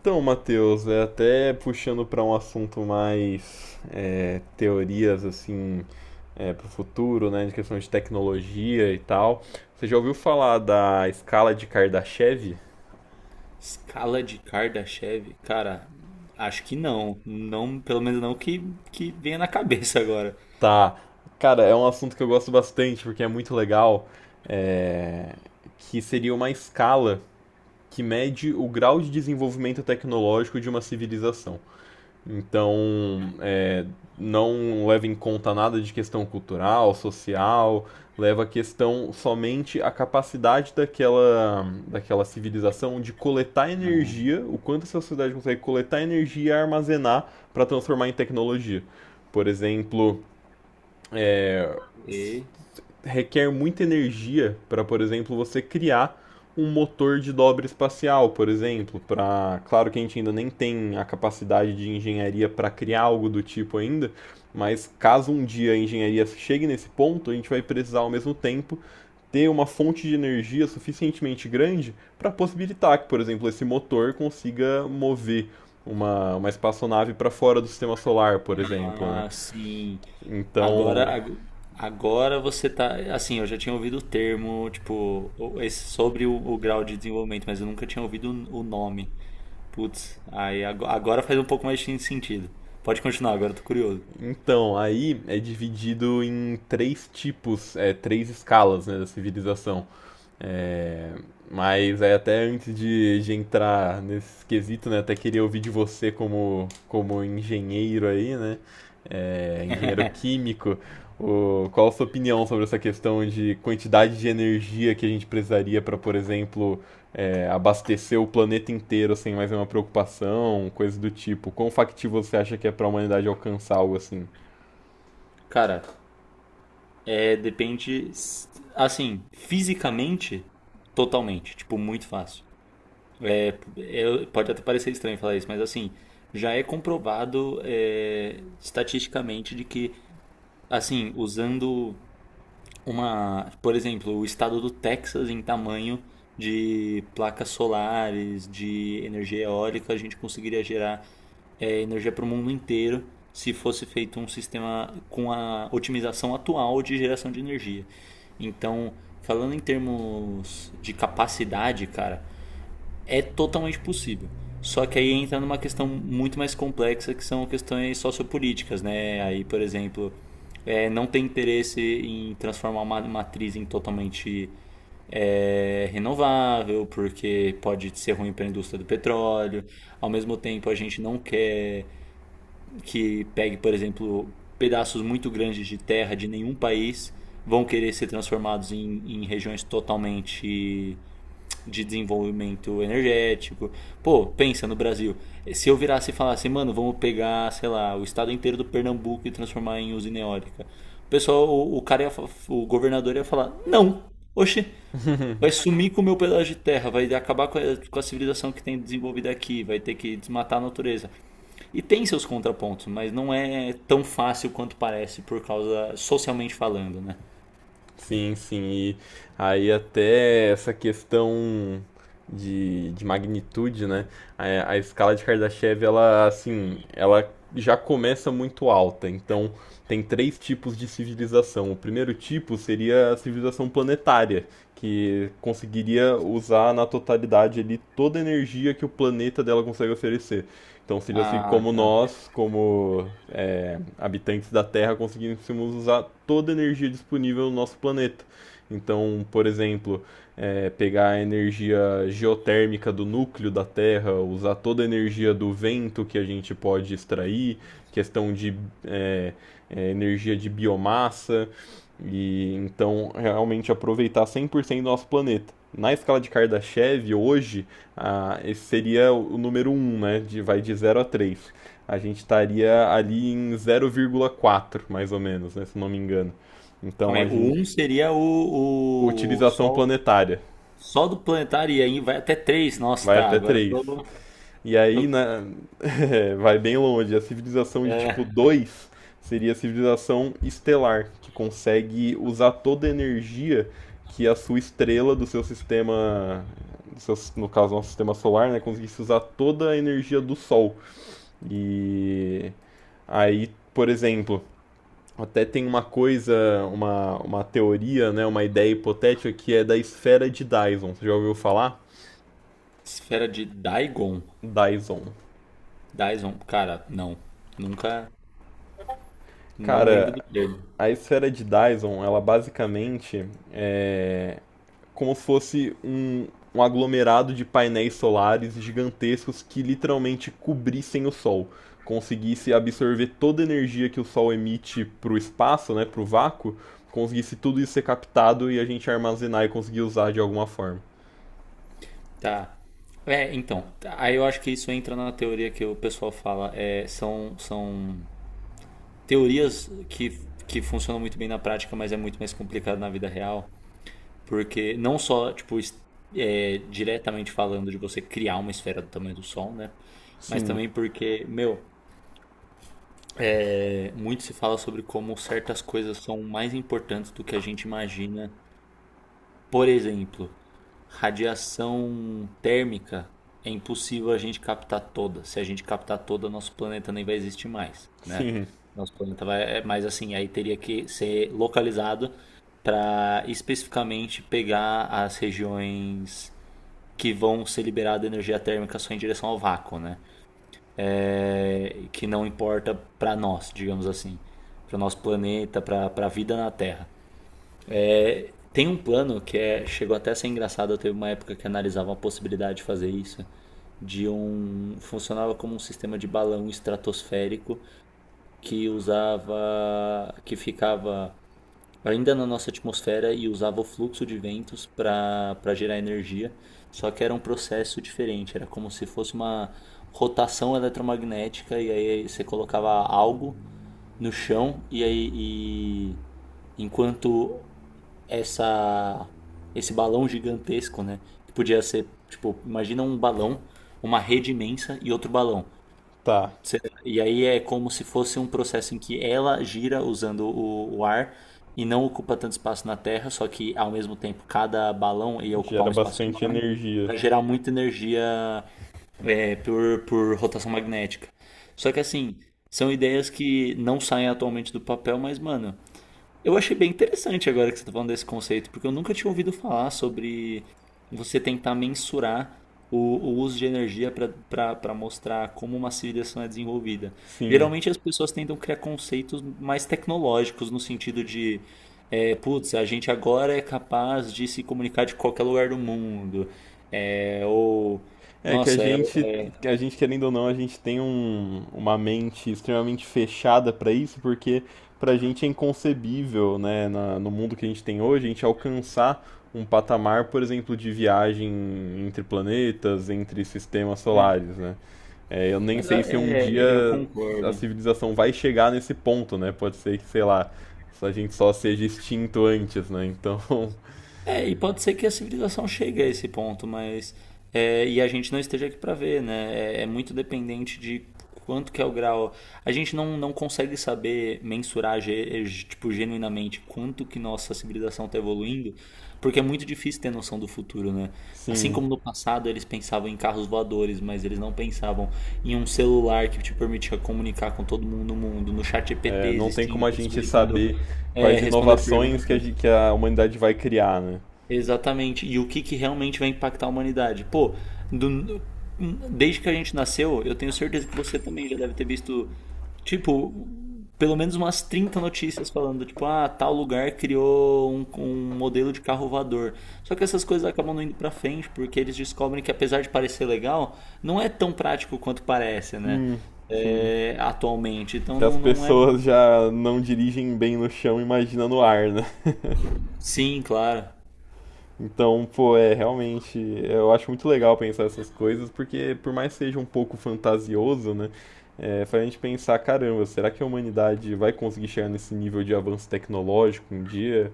Então, Matheus, é até puxando para um assunto mais teorias assim para o futuro, né, de questão de tecnologia e tal. Você já ouviu falar da escala de Kardashev? Escala de Kardashev? Cara, acho que não. Não, pelo menos não que venha na cabeça agora. Tá. Cara, é um assunto que eu gosto bastante porque é muito legal. é, que seria uma escala que mede o grau de desenvolvimento tecnológico de uma civilização. Então, não leva em conta nada de questão cultural, social, leva a questão somente a capacidade daquela civilização de coletar Ah, energia, o quanto essa sociedade consegue coletar energia e armazenar para transformar em tecnologia. Por exemplo, e, requer muita energia para, por exemplo, você criar um motor de dobra espacial, por exemplo, para, claro que a gente ainda nem tem a capacidade de engenharia para criar algo do tipo ainda, mas caso um dia a engenharia chegue nesse ponto, a gente vai precisar ao mesmo tempo ter uma fonte de energia suficientemente grande para possibilitar que, por exemplo, esse motor consiga mover uma espaçonave para fora do sistema solar, por exemplo, né? Sim. Agora, Então, agora você tá. Assim, eu já tinha ouvido o termo, tipo, sobre o grau de desenvolvimento, mas eu nunca tinha ouvido o nome. Putz, aí agora faz um pouco mais de sentido. Pode continuar, agora eu tô curioso. Então, aí é dividido em três tipos, três escalas, né, da civilização. É, mas aí até antes de entrar nesse quesito, né, até queria ouvir de você como, como engenheiro aí, né, engenheiro químico, o, qual a sua opinião sobre essa questão de quantidade de energia que a gente precisaria para, por exemplo, abastecer o planeta inteiro sem mais nenhuma preocupação, coisa do tipo? Quão factível você acha que é para a humanidade alcançar algo assim? Cara, depende, assim, fisicamente, totalmente. Tipo, muito fácil. É, pode até parecer estranho falar isso, mas assim, já é comprovado estatisticamente de que, assim, usando por exemplo, o estado do Texas em tamanho de placas solares, de energia eólica, a gente conseguiria gerar energia para o mundo inteiro se fosse feito um sistema com a otimização atual de geração de energia. Então, falando em termos de capacidade, cara, é totalmente possível. Só que aí entra numa questão muito mais complexa que são questões sociopolíticas, né? Aí, por exemplo, não tem interesse em transformar uma matriz em totalmente renovável, porque pode ser ruim para a indústria do petróleo. Ao mesmo tempo, a gente não quer que pegue, por exemplo, pedaços muito grandes de terra de nenhum país vão querer ser transformados em regiões totalmente de desenvolvimento energético. Pô, pensa no Brasil. Se eu virasse e falasse, mano, vamos pegar, sei lá, o estado inteiro do Pernambuco e transformar em usina eólica. O pessoal, o governador ia falar, não, oxe, vai sumir com o meu pedaço de terra, vai acabar com a civilização que tem desenvolvida aqui, vai ter que desmatar a natureza. E tem seus contrapontos, mas não é tão fácil quanto parece, por causa, socialmente falando, né? Sim, sim. E aí até essa questão de magnitude, né? A escala de Kardashev, ela assim, ela já começa muito alta. Então tem três tipos de civilização. O primeiro tipo seria a civilização planetária, que conseguiria usar na totalidade ali toda a energia que o planeta dela consegue oferecer. Então seria assim, Ah, como tá. nós, como habitantes da Terra, conseguíssemos usar toda a energia disponível no nosso planeta. Então, por exemplo, pegar a energia geotérmica do núcleo da Terra, usar toda a energia do vento que a gente pode extrair, questão de é, energia de biomassa, e então realmente aproveitar 100% do nosso planeta. Na escala de Kardashev, hoje, ah, esse seria o número um, né? De, vai de zero a 3. A gente estaria ali em zero, vírgula quatro, mais ou menos, né? Se não me engano. Calma Então aí. a gente. O um seria Utilização planetária. só do planetário, e aí vai até três. Nossa, Vai tá. até Agora eu 3. tô, E aí, tô- na... vai bem longe. A civilização de tipo é, 2 seria a civilização estelar, que consegue usar toda a energia que a sua estrela do seu sistema, no caso, nosso sistema solar, né, conseguisse usar toda a energia do Sol. E aí, por exemplo, até tem uma coisa, uma teoria, né, uma ideia hipotética que é da esfera de Dyson. Você já ouviu falar? Esfera de Daigon. Dyson. Daison. Cara, não. Nunca. Não lembro do Cara, termo. a esfera de Dyson, ela basicamente como se fosse um aglomerado de painéis solares gigantescos que literalmente cobrissem o Sol, conseguisse absorver toda a energia que o Sol emite para o espaço, né, para o vácuo, conseguisse tudo isso ser captado e a gente armazenar e conseguir usar de alguma forma. Tá. Então, aí eu acho que isso entra na teoria que o pessoal fala. São teorias que funcionam muito bem na prática, mas é muito mais complicado na vida real. Porque não só, tipo, diretamente falando de você criar uma esfera do tamanho do Sol, né? Mas Sim, também porque, meu, muito se fala sobre como certas coisas são mais importantes do que a gente imagina. Por exemplo, radiação térmica é impossível a gente captar toda. Se a gente captar toda, nosso planeta nem vai existir mais, né? sim, Nosso planeta vai, mas assim, aí teria que ser localizado para especificamente pegar as regiões que vão ser liberadas energia térmica só em direção ao vácuo, né? É, que não importa para nós, digamos assim, para o nosso planeta, para a vida na Terra. Tem um plano que é, chegou até a ser engraçado, eu teve uma época que analisava a possibilidade de fazer isso, de um funcionava como um sistema de balão estratosférico que usava que ficava ainda na nossa atmosfera e usava o fluxo de ventos para gerar energia, só que era um processo diferente, era como se fosse uma rotação eletromagnética e aí você colocava algo no chão e aí e enquanto essa esse balão gigantesco, né, que podia ser, tipo, imagina um balão, uma rede imensa e outro balão. tá. E aí é como se fosse um processo em que ela gira usando o ar e não ocupa tanto espaço na Terra, só que ao mesmo tempo cada balão ia ocupar Gera um espaço bastante enorme energia. para gerar muita energia por rotação magnética. Só que assim, são ideias que não saem atualmente do papel, mas mano, eu achei bem interessante agora que você está falando desse conceito, porque eu nunca tinha ouvido falar sobre você tentar mensurar o uso de energia para mostrar como uma civilização é desenvolvida. Sim, Geralmente as pessoas tentam criar conceitos mais tecnológicos, no sentido de, putz, a gente agora é capaz de se comunicar de qualquer lugar do mundo. Ou, é que nossa, a gente querendo ou não, a gente tem uma mente extremamente fechada para isso, porque pra gente é inconcebível, né, no mundo que a gente tem hoje, a gente alcançar um patamar, por exemplo, de viagem entre planetas, entre sistemas é, solares, né? É, eu nem mas sei se um eu dia a concordo. civilização vai chegar nesse ponto, né? Pode ser que, sei lá, a gente só seja extinto antes, né? Então, É, e pode ser que a civilização chegue a esse ponto, mas e a gente não esteja aqui para ver, né? É muito dependente de quanto que é o grau. A gente não consegue saber mensurar tipo genuinamente quanto que nossa civilização está evoluindo, porque é muito difícil ter noção do futuro, né? Assim sim. como no passado eles pensavam em carros voadores, mas eles não pensavam em um celular que te permitia comunicar com todo mundo, no chat EPT É, não tem como existindo, a gente possibilitando saber quais responder inovações que perguntas. Que a humanidade vai criar, né? Exatamente. E o que realmente vai impactar a humanidade? Pô, do- desde que a gente nasceu, eu tenho certeza que você também já deve ter visto, tipo, pelo menos umas 30 notícias falando, tipo, ah, tal lugar criou um modelo de carro voador. Só que essas coisas acabam não indo pra frente, porque eles descobrem que apesar de parecer legal, não é tão prático quanto parece, né? Sim, sim. É, atualmente. Então Se as não é. pessoas já não dirigem bem no chão, imagina no ar, né? Sim, claro. Então, pô, é realmente. Eu acho muito legal pensar essas coisas, porque por mais que seja um pouco fantasioso, né? É, faz a gente pensar, caramba, será que a humanidade vai conseguir chegar nesse nível de avanço tecnológico um dia?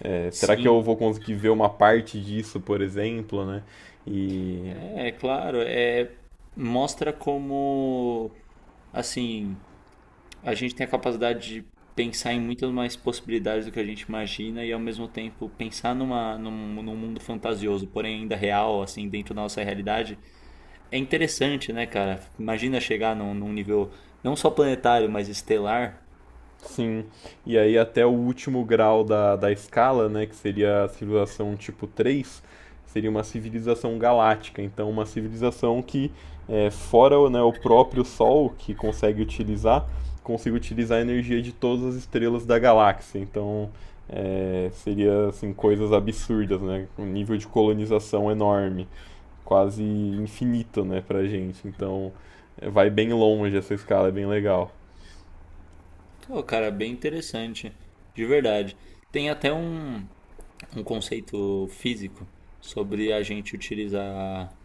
É, será que eu Sim. vou conseguir ver uma parte disso, por exemplo, né? E É, claro, mostra como, assim, a gente tem a capacidade de pensar em muitas mais possibilidades do que a gente imagina e ao mesmo tempo pensar num mundo fantasioso, porém ainda real, assim, dentro da nossa realidade. É interessante, né, cara? Imagina chegar num nível não só planetário, mas estelar. sim, e aí até o último grau da escala, né, que seria a civilização tipo 3 seria uma civilização galáctica, então uma civilização que, fora né, o próprio Sol, que consegue utilizar a energia de todas as estrelas da galáxia, então seria assim, coisas absurdas, né, um nível de colonização enorme, quase infinito, né, pra gente, então vai bem longe essa escala, é bem legal. Pô, cara, bem interessante, de verdade. Tem até um conceito físico sobre a gente utilizar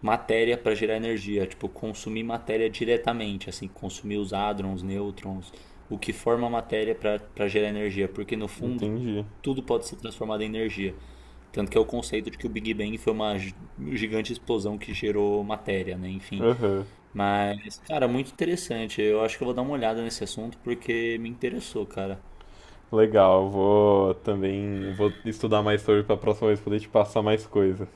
matéria para gerar energia, tipo, consumir matéria diretamente, assim, consumir os hádrons, nêutrons, o que forma a matéria para gerar energia, porque no fundo Entendi. tudo pode ser transformado em energia. Tanto que é o conceito de que o Big Bang foi uma gigante explosão que gerou matéria, né? Enfim. Aham. Mas, cara, muito interessante. Eu acho que eu vou dar uma olhada nesse assunto porque me interessou, cara. Legal, eu vou também, vou estudar mais sobre para a próxima vez poder te passar mais coisas.